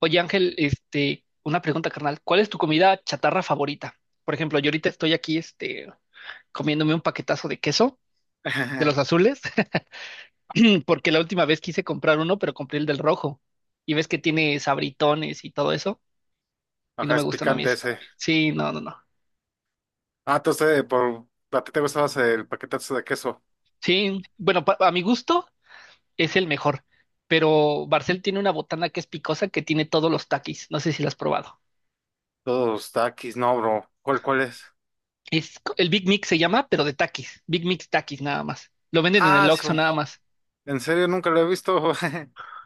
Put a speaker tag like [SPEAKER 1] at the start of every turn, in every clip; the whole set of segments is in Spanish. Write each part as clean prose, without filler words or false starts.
[SPEAKER 1] Oye, Ángel, una pregunta, carnal. ¿Cuál es tu comida chatarra favorita? Por ejemplo, yo ahorita estoy aquí, comiéndome un paquetazo de queso de
[SPEAKER 2] Ajá,
[SPEAKER 1] los azules, porque la última vez quise comprar uno, pero compré el del rojo. Y ves que tiene sabritones y todo eso, y no me
[SPEAKER 2] es
[SPEAKER 1] gustan a mí
[SPEAKER 2] picante
[SPEAKER 1] eso.
[SPEAKER 2] ese.
[SPEAKER 1] Sí, no, no, no.
[SPEAKER 2] Ah, entonces, ¿a ti te gustaba el paquetazo de queso?
[SPEAKER 1] Sí, bueno, a mi gusto es el mejor, pero Barcel tiene una botana que es picosa que tiene todos los takis. No sé si la has probado.
[SPEAKER 2] Todos taquis, no, bro. Cuál es?
[SPEAKER 1] El Big Mix se llama, pero de takis. Big Mix takis nada más. Lo venden en el
[SPEAKER 2] Ah,
[SPEAKER 1] Oxxo
[SPEAKER 2] su.
[SPEAKER 1] nada más.
[SPEAKER 2] En serio, nunca lo he visto.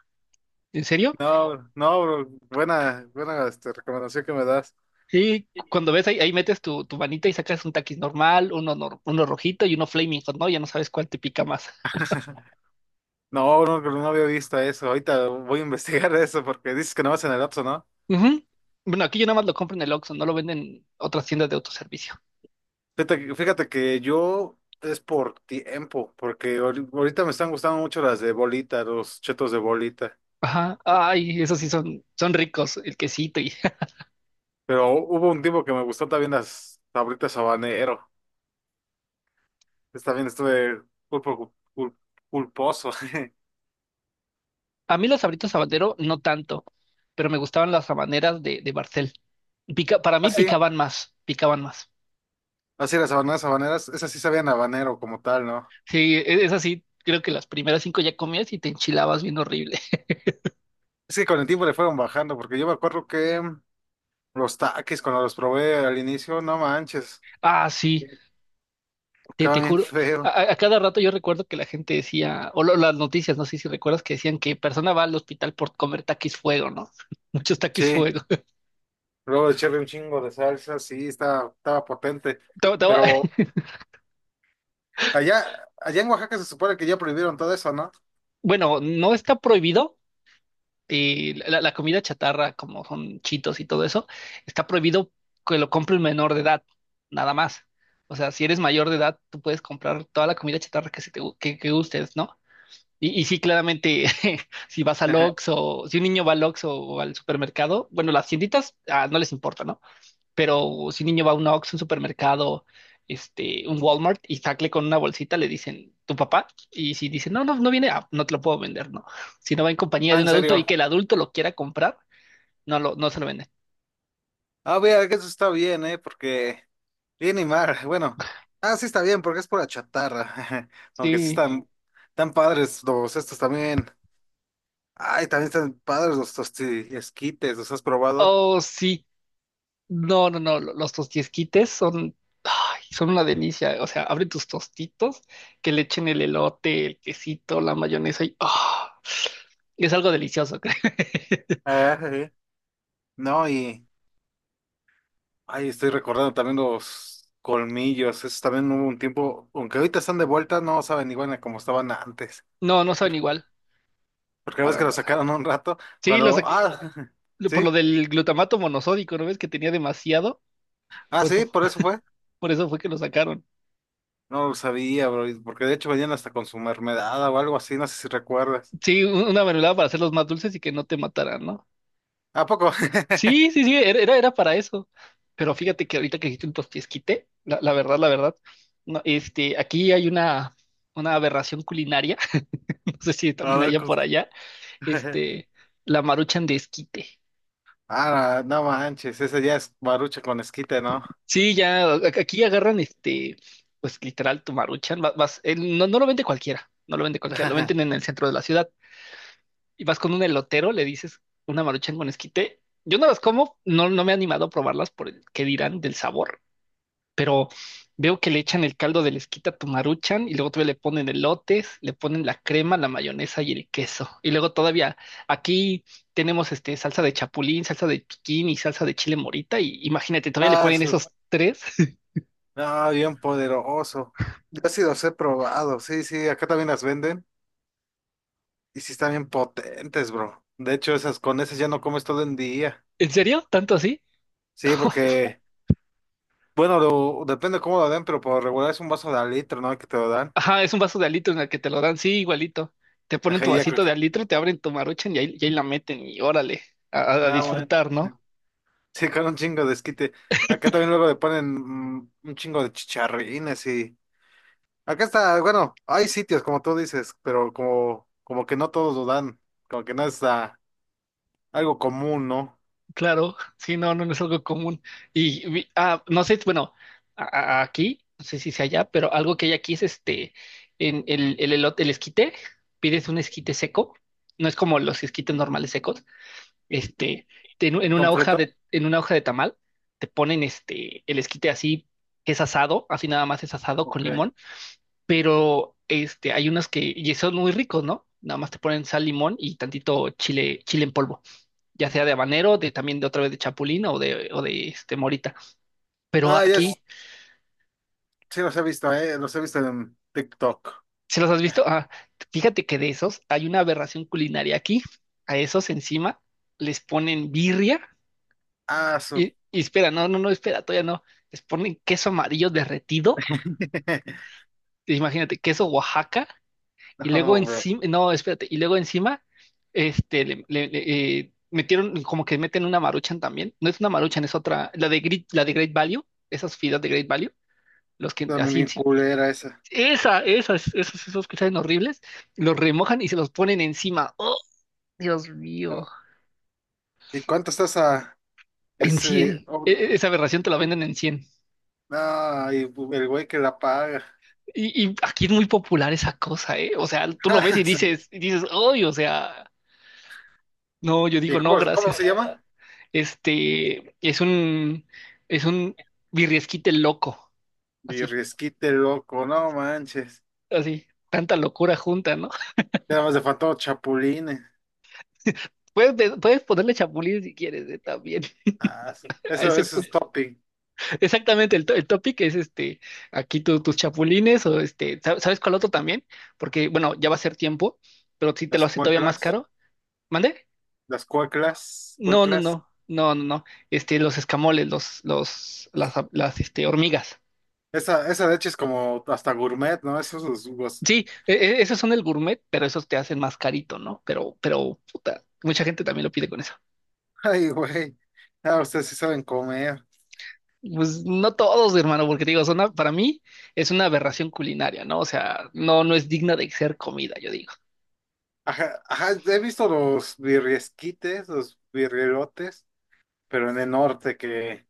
[SPEAKER 1] ¿En serio?
[SPEAKER 2] No, no, bro. Buena, recomendación que me das.
[SPEAKER 1] Y cuando ves ahí, metes tu manita y sacas un taquis normal, uno, nor- uno rojito y uno flaming hot, ¿no? Ya no sabes cuál te pica más.
[SPEAKER 2] No, no, no había visto eso. Ahorita voy a investigar eso porque dices que no vas en el Oxxo, ¿no?
[SPEAKER 1] Ujú. Bueno, aquí yo nada más lo compro en el Oxxo, no lo venden en otras tiendas de autoservicio.
[SPEAKER 2] Fíjate que yo es por tiempo, porque ahorita me están gustando mucho las de bolita, los chetos de bolita.
[SPEAKER 1] Ajá. Ay, esos sí son ricos, el quesito y.
[SPEAKER 2] Pero hubo un tiempo que me gustó también las sabritas habanero. Pues también estuve pulpo, pulposo.
[SPEAKER 1] A mí los Sabritos Habanero no tanto, pero me gustaban las habaneras de, Barcel. Pica, para mí
[SPEAKER 2] Así,
[SPEAKER 1] picaban más, picaban más.
[SPEAKER 2] así las habaneras habaneras, esas sí sabían a habanero como tal, ¿no?
[SPEAKER 1] Sí, es así, creo que las primeras cinco ya comías y te enchilabas bien horrible.
[SPEAKER 2] Es que con el tiempo le fueron bajando, porque yo me acuerdo que los taquis cuando los probé al inicio, no manches,
[SPEAKER 1] Ah, sí. Te
[SPEAKER 2] quedaba bien
[SPEAKER 1] juro, a,
[SPEAKER 2] feo.
[SPEAKER 1] a- a cada rato yo recuerdo que la gente decía, las noticias, no sé si recuerdas que decían que persona va al hospital por comer taquis fuego, ¿no? Muchos taquis
[SPEAKER 2] Sí,
[SPEAKER 1] fuego.
[SPEAKER 2] luego echarle un chingo de salsa, sí, estaba potente.
[SPEAKER 1] Te- te va-
[SPEAKER 2] Pero allá, allá en Oaxaca se supone que ya prohibieron todo eso, ¿no?
[SPEAKER 1] Bueno, no está prohibido la comida chatarra, como son chitos y todo eso, está prohibido que lo compre un menor de edad, nada más. O sea, si eres mayor de edad, tú puedes comprar toda la comida chatarra que, se te, gu- que gustes, ¿no? Y sí, claramente, si vas al Oxxo, si un niño va al Oxxo o al supermercado, bueno, las tienditas no les importa, ¿no? Pero si un niño va a un Oxxo, un supermercado, un Walmart y sacle con una bolsita, le dicen, ¿tu papá? Y si dice, no, no, no viene, no te lo puedo vender, ¿no? Si no va en compañía
[SPEAKER 2] Ah,
[SPEAKER 1] de un
[SPEAKER 2] en
[SPEAKER 1] adulto y
[SPEAKER 2] serio.
[SPEAKER 1] que el adulto lo quiera comprar, no se lo venden.
[SPEAKER 2] Ah, vea, que eso está bien, ¿eh? Porque bien y mal, bueno. Ah, sí está bien, porque es pura chatarra. Aunque sí
[SPEAKER 1] Sí.
[SPEAKER 2] están tan padres los estos también. Ay, también están padres los tosti esquites, ¿los has probado?
[SPEAKER 1] Oh, sí. No, no, no, los tostiesquites son, ay, son una delicia. O sea, abre tus tostitos, que le echen el elote, el quesito, la mayonesa y es algo delicioso, creo.
[SPEAKER 2] Ah, sí. No, y... Ay, estoy recordando también los colmillos. Esos también hubo un tiempo, aunque ahorita están de vuelta, no saben igual a como estaban antes.
[SPEAKER 1] No, no saben igual,
[SPEAKER 2] Porque la vez
[SPEAKER 1] para
[SPEAKER 2] que los
[SPEAKER 1] nada.
[SPEAKER 2] sacaron un rato,
[SPEAKER 1] Sí,
[SPEAKER 2] cuando... Ah,
[SPEAKER 1] por lo
[SPEAKER 2] sí.
[SPEAKER 1] del glutamato monosódico, ¿no ves que tenía demasiado?
[SPEAKER 2] Ah,
[SPEAKER 1] Por
[SPEAKER 2] sí,
[SPEAKER 1] eso,
[SPEAKER 2] por eso fue.
[SPEAKER 1] por eso fue que lo sacaron.
[SPEAKER 2] No lo sabía, bro, porque de hecho venían hasta con su mermelada o algo así, no sé si recuerdas.
[SPEAKER 1] Sí, una mermelada para hacerlos más dulces y que no te mataran, ¿no?
[SPEAKER 2] ¿A poco?
[SPEAKER 1] Sí, sí, sí, era para eso. Pero fíjate que ahorita que dijiste un tostiesquite, la verdad, la verdad, no, aquí hay una aberración culinaria, no sé si
[SPEAKER 2] A
[SPEAKER 1] también
[SPEAKER 2] ver,
[SPEAKER 1] allá
[SPEAKER 2] ¿cómo?
[SPEAKER 1] por allá, este, la maruchan de esquite.
[SPEAKER 2] Ah, no manches, ese ya es barucha con esquite, ¿no?
[SPEAKER 1] Sí, ya, aquí agarran, pues literal, tu maruchan, vas, no lo vende cualquiera, no lo vende cualquiera, lo venden en el centro de la ciudad. Y vas con un elotero, le dices una maruchan con esquite. Yo no las como, no, no me he animado a probarlas por el que dirán del sabor, pero veo que le echan el caldo de lesquita a tu Maruchan y luego todavía le ponen elotes, le ponen la crema, la mayonesa y el queso. Y luego todavía aquí tenemos salsa de chapulín, salsa de piquín y salsa de chile morita y, imagínate, todavía le
[SPEAKER 2] Ah,
[SPEAKER 1] ponen
[SPEAKER 2] su.
[SPEAKER 1] esos tres.
[SPEAKER 2] No, bien poderoso. Yo sí los he probado, sí, sí, acá también las venden y sí están bien potentes, bro. De hecho, esas con esas ya no comes todo el día.
[SPEAKER 1] ¿En serio? ¿Tanto así?
[SPEAKER 2] Sí, porque, bueno, depende cómo lo den, pero por regular es un vaso de al litro, ¿no? Que te lo dan.
[SPEAKER 1] Ajá, es un vaso de alito en el que te lo dan, sí, igualito. Te ponen
[SPEAKER 2] Ajá,
[SPEAKER 1] tu vasito de alito, te abren tu Maruchan y y ahí la meten y órale, a
[SPEAKER 2] Ah, bueno.
[SPEAKER 1] disfrutar, ¿no?
[SPEAKER 2] Sí, con un chingo de esquite. Acá también luego le ponen un chingo de chicharrines y... Acá está, bueno, hay sitios como tú dices, pero como que no todos lo dan, como que no es algo común, ¿no?
[SPEAKER 1] Claro, sí, no, no, no es algo común. Y no sé, bueno, aquí, no sé si sea allá, pero algo que hay aquí es en el elote, el esquite, pides un esquite seco, no es como los esquites normales secos, este, en una
[SPEAKER 2] ¿Son
[SPEAKER 1] hoja
[SPEAKER 2] fritos?
[SPEAKER 1] de, tamal, te ponen el esquite así, que es asado, así nada más es asado con
[SPEAKER 2] Ok.
[SPEAKER 1] limón, pero hay unas y son muy ricos, ¿no? Nada más te ponen sal, limón y tantito chile, chile en polvo, ya sea de habanero, de también de otra vez de chapulín o de, morita. Pero
[SPEAKER 2] Ah, ya es,
[SPEAKER 1] aquí,
[SPEAKER 2] sí los he visto en TikTok.
[SPEAKER 1] ¿se los has visto? Ah, fíjate que de esos hay una aberración culinaria aquí. A esos encima les ponen birria
[SPEAKER 2] Ah,
[SPEAKER 1] y,
[SPEAKER 2] su.
[SPEAKER 1] y espera, no, no, no, espera, todavía no. Les ponen queso amarillo derretido. Imagínate, queso Oaxaca y luego
[SPEAKER 2] No, bro.
[SPEAKER 1] encima, no, espérate, y luego encima, metieron, como que meten una maruchan también, no es una maruchan, es otra, la de Great Value, esas fideos de Great Value, los que
[SPEAKER 2] Dame mi
[SPEAKER 1] así, sí,
[SPEAKER 2] culera esa.
[SPEAKER 1] esos que saben horribles, los remojan y se los ponen encima. Oh, Dios mío.
[SPEAKER 2] ¿Y cuánto estás a
[SPEAKER 1] En
[SPEAKER 2] ese?
[SPEAKER 1] 100. Esa aberración te la venden en 100.
[SPEAKER 2] Ay, el güey que la paga.
[SPEAKER 1] Y aquí es muy popular esa cosa, ¿eh? O sea, tú lo ves y
[SPEAKER 2] Sí.
[SPEAKER 1] dices, ¡ay! O sea, no, yo
[SPEAKER 2] ¿Y
[SPEAKER 1] digo, no,
[SPEAKER 2] cómo
[SPEAKER 1] gracias.
[SPEAKER 2] se llama?
[SPEAKER 1] Este, es un, es un birriesquite loco. Así,
[SPEAKER 2] Birriesquite loco, no manches.
[SPEAKER 1] así. Tanta locura junta, ¿no?
[SPEAKER 2] Ya nada más le faltó chapulines.
[SPEAKER 1] Puedes ponerle chapulín si quieres, ¿eh? También.
[SPEAKER 2] Ah, sí.
[SPEAKER 1] A
[SPEAKER 2] Eso,
[SPEAKER 1] ese
[SPEAKER 2] eso es
[SPEAKER 1] punto.
[SPEAKER 2] topping.
[SPEAKER 1] Exactamente, el topic es este, aquí tus chapulines o sabes cuál otro también? Porque, bueno, ya va a ser tiempo, pero si te lo
[SPEAKER 2] Las
[SPEAKER 1] hace todavía más
[SPEAKER 2] cueclas,
[SPEAKER 1] caro, ¿mande?
[SPEAKER 2] las cueclas,
[SPEAKER 1] No, no,
[SPEAKER 2] cueclas.
[SPEAKER 1] no, no, no, no, los escamoles, las hormigas.
[SPEAKER 2] Esa de hecho es como hasta gourmet, ¿no? Esos los jugos.
[SPEAKER 1] Sí, esos son el gourmet, pero esos te hacen más carito, ¿no? Pero, puta, mucha gente también lo pide con eso.
[SPEAKER 2] Ay, güey. Ah, ustedes sí saben comer.
[SPEAKER 1] Pues no todos, hermano, porque te digo, para mí es una aberración culinaria, ¿no? O sea, no, no es digna de ser comida, yo digo.
[SPEAKER 2] Ajá, ajá, he visto los birriesquites, los birrielotes, pero en el norte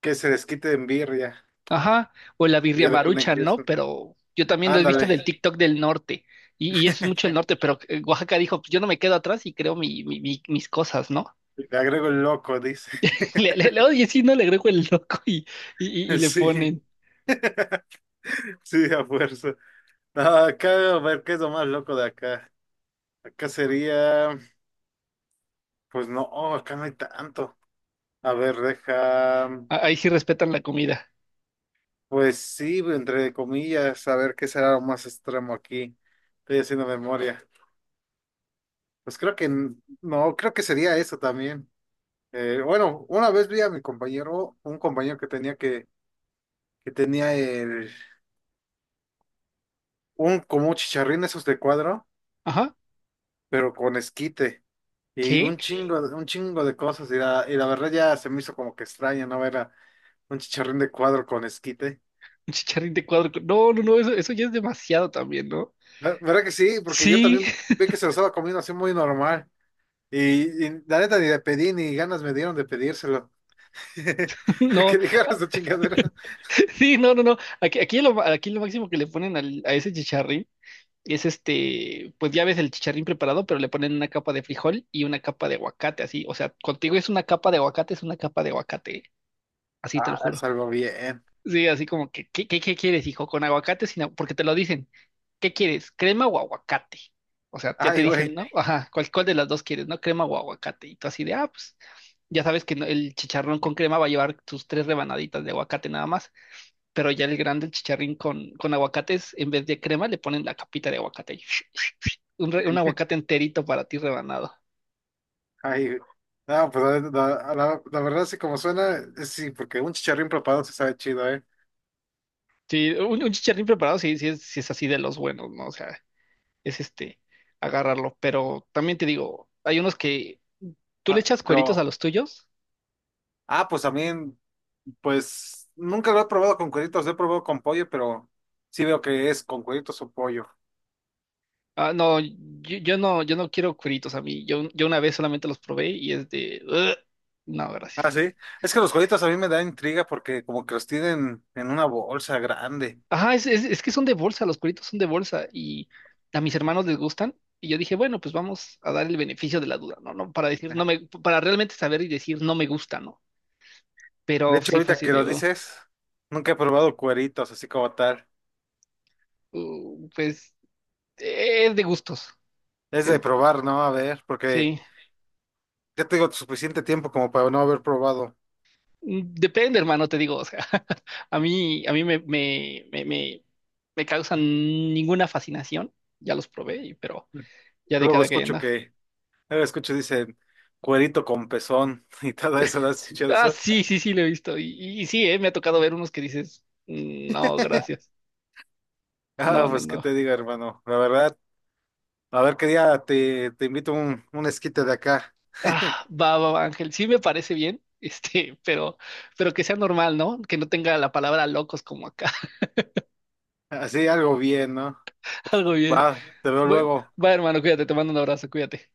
[SPEAKER 2] que se les quite en birria
[SPEAKER 1] Ajá, o la
[SPEAKER 2] y
[SPEAKER 1] birria
[SPEAKER 2] ya le ponen
[SPEAKER 1] maruchan, ¿no?
[SPEAKER 2] queso.
[SPEAKER 1] Pero yo también lo he visto
[SPEAKER 2] Ándale,
[SPEAKER 1] del TikTok del norte, y eso es mucho el norte, pero Oaxaca dijo, pues yo no me quedo atrás y creo mis cosas, ¿no?
[SPEAKER 2] le agrego el loco, dice.
[SPEAKER 1] Oye, sí, no le agrego el loco y le
[SPEAKER 2] Sí.
[SPEAKER 1] ponen,
[SPEAKER 2] Sí, a fuerza. No, acá, a ver, ¿qué es lo más loco de acá? Acá sería, pues no, acá no hay tanto. A ver, deja,
[SPEAKER 1] ahí sí respetan la comida.
[SPEAKER 2] pues sí, entre comillas, a ver qué será lo más extremo aquí. Estoy haciendo memoria. Pues creo que no, creo que sería eso también. Bueno, una vez vi a mi compañero, un compañero que tenía un, como un chicharrín esos de cuadro,
[SPEAKER 1] Ajá,
[SPEAKER 2] pero con esquite. Y
[SPEAKER 1] ¿qué?
[SPEAKER 2] un chingo, un chingo de cosas. Y la verdad ya se me hizo como que extraña no ver a un chicharrín de cuadro con esquite.
[SPEAKER 1] Un chicharrín de cuadro, no, no, no, eso ya es demasiado también, ¿no?
[SPEAKER 2] ¿Verdad que sí? Porque yo
[SPEAKER 1] Sí,
[SPEAKER 2] también vi que se lo estaba comiendo así muy normal. Y la neta ni le pedí ni ganas me dieron de pedírselo.
[SPEAKER 1] no,
[SPEAKER 2] Que dijeras esa chingadera.
[SPEAKER 1] sí, no, no, no, aquí lo máximo que le ponen a ese chicharrín. Es pues ya ves el chicharrín preparado, pero le ponen una capa de frijol y una capa de aguacate, así. O sea, contigo es una capa de aguacate, es una capa de aguacate, así te lo
[SPEAKER 2] Ah,
[SPEAKER 1] juro.
[SPEAKER 2] salgo bien.
[SPEAKER 1] Sí, así como que, ¿qué quieres, hijo? ¿Con aguacate? Sin agu- Porque te lo dicen, ¿qué quieres? ¿Crema o aguacate? O sea, ya te
[SPEAKER 2] Ay, güey.
[SPEAKER 1] dicen, ¿no? Ajá, ¿cuál de las dos quieres, no? ¿Crema o aguacate? Y tú así de, pues ya sabes que no- el chicharrón con crema va a llevar sus tres rebanaditas de aguacate nada más, pero ya el grande, el chicharrín con, aguacates, en vez de crema, le ponen la capita de aguacate, un aguacate enterito para ti rebanado.
[SPEAKER 2] Ay, güey, no, pues la verdad, sí, como suena, sí, porque un chicharrín preparado se sabe chido, ¿eh?
[SPEAKER 1] Sí, un chicharrín preparado sí, sí es así de los buenos, ¿no? O sea, es agarrarlo. Pero también te digo, hay unos que, ¿tú le
[SPEAKER 2] Ah,
[SPEAKER 1] echas cueritos a
[SPEAKER 2] pero,
[SPEAKER 1] los tuyos?
[SPEAKER 2] ah, pues también. Pues nunca lo he probado con cueritos, lo he probado con pollo, pero sí veo que es con cueritos o pollo.
[SPEAKER 1] Ah, no, yo, yo no quiero cueritos a mí. Yo una vez solamente los probé y es de, "Ugh". No,
[SPEAKER 2] Ah,
[SPEAKER 1] gracias.
[SPEAKER 2] sí. Es que los cueritos a mí me da intriga porque como que los tienen en una bolsa grande.
[SPEAKER 1] Ajá, es que son de bolsa, los cueritos son de bolsa y a mis hermanos les gustan. Y yo dije, bueno, pues vamos a dar el beneficio de la duda, ¿no? No, para decir, no me, para realmente saber y decir, no me gusta, ¿no?
[SPEAKER 2] De
[SPEAKER 1] Pero
[SPEAKER 2] hecho,
[SPEAKER 1] sí fue
[SPEAKER 2] ahorita
[SPEAKER 1] así
[SPEAKER 2] que lo
[SPEAKER 1] de,
[SPEAKER 2] dices, nunca he probado cueritos así como tal.
[SPEAKER 1] pues es de gustos,
[SPEAKER 2] Es de
[SPEAKER 1] es-
[SPEAKER 2] probar, ¿no? A ver, porque
[SPEAKER 1] sí.
[SPEAKER 2] ya tengo suficiente tiempo como para no haber probado.
[SPEAKER 1] Depende, hermano, te digo, o sea, a mí me, me, me, me, me causan ninguna fascinación, ya los probé, pero ya de
[SPEAKER 2] Luego
[SPEAKER 1] cada que
[SPEAKER 2] escucho
[SPEAKER 1] anda.
[SPEAKER 2] que, luego escucho dicen cuerito con pezón y todo eso, ¿no has escuchado
[SPEAKER 1] Ah,
[SPEAKER 2] eso?
[SPEAKER 1] sí, sí, sí, lo he visto, y sí, me ha tocado ver unos que dices, "Mm, no, gracias,
[SPEAKER 2] Ah,
[SPEAKER 1] no, no,
[SPEAKER 2] pues qué
[SPEAKER 1] no".
[SPEAKER 2] te digo, hermano. La verdad. A ver qué día te invito un esquite de acá.
[SPEAKER 1] Ah, va, va, va, Ángel, sí me parece bien, este, pero, pero que sea normal, ¿no? Que no tenga la palabra locos como acá,
[SPEAKER 2] Así algo bien, ¿no?
[SPEAKER 1] algo bien.
[SPEAKER 2] Va, te veo
[SPEAKER 1] Bueno,
[SPEAKER 2] luego.
[SPEAKER 1] va hermano, cuídate, te mando un abrazo, cuídate.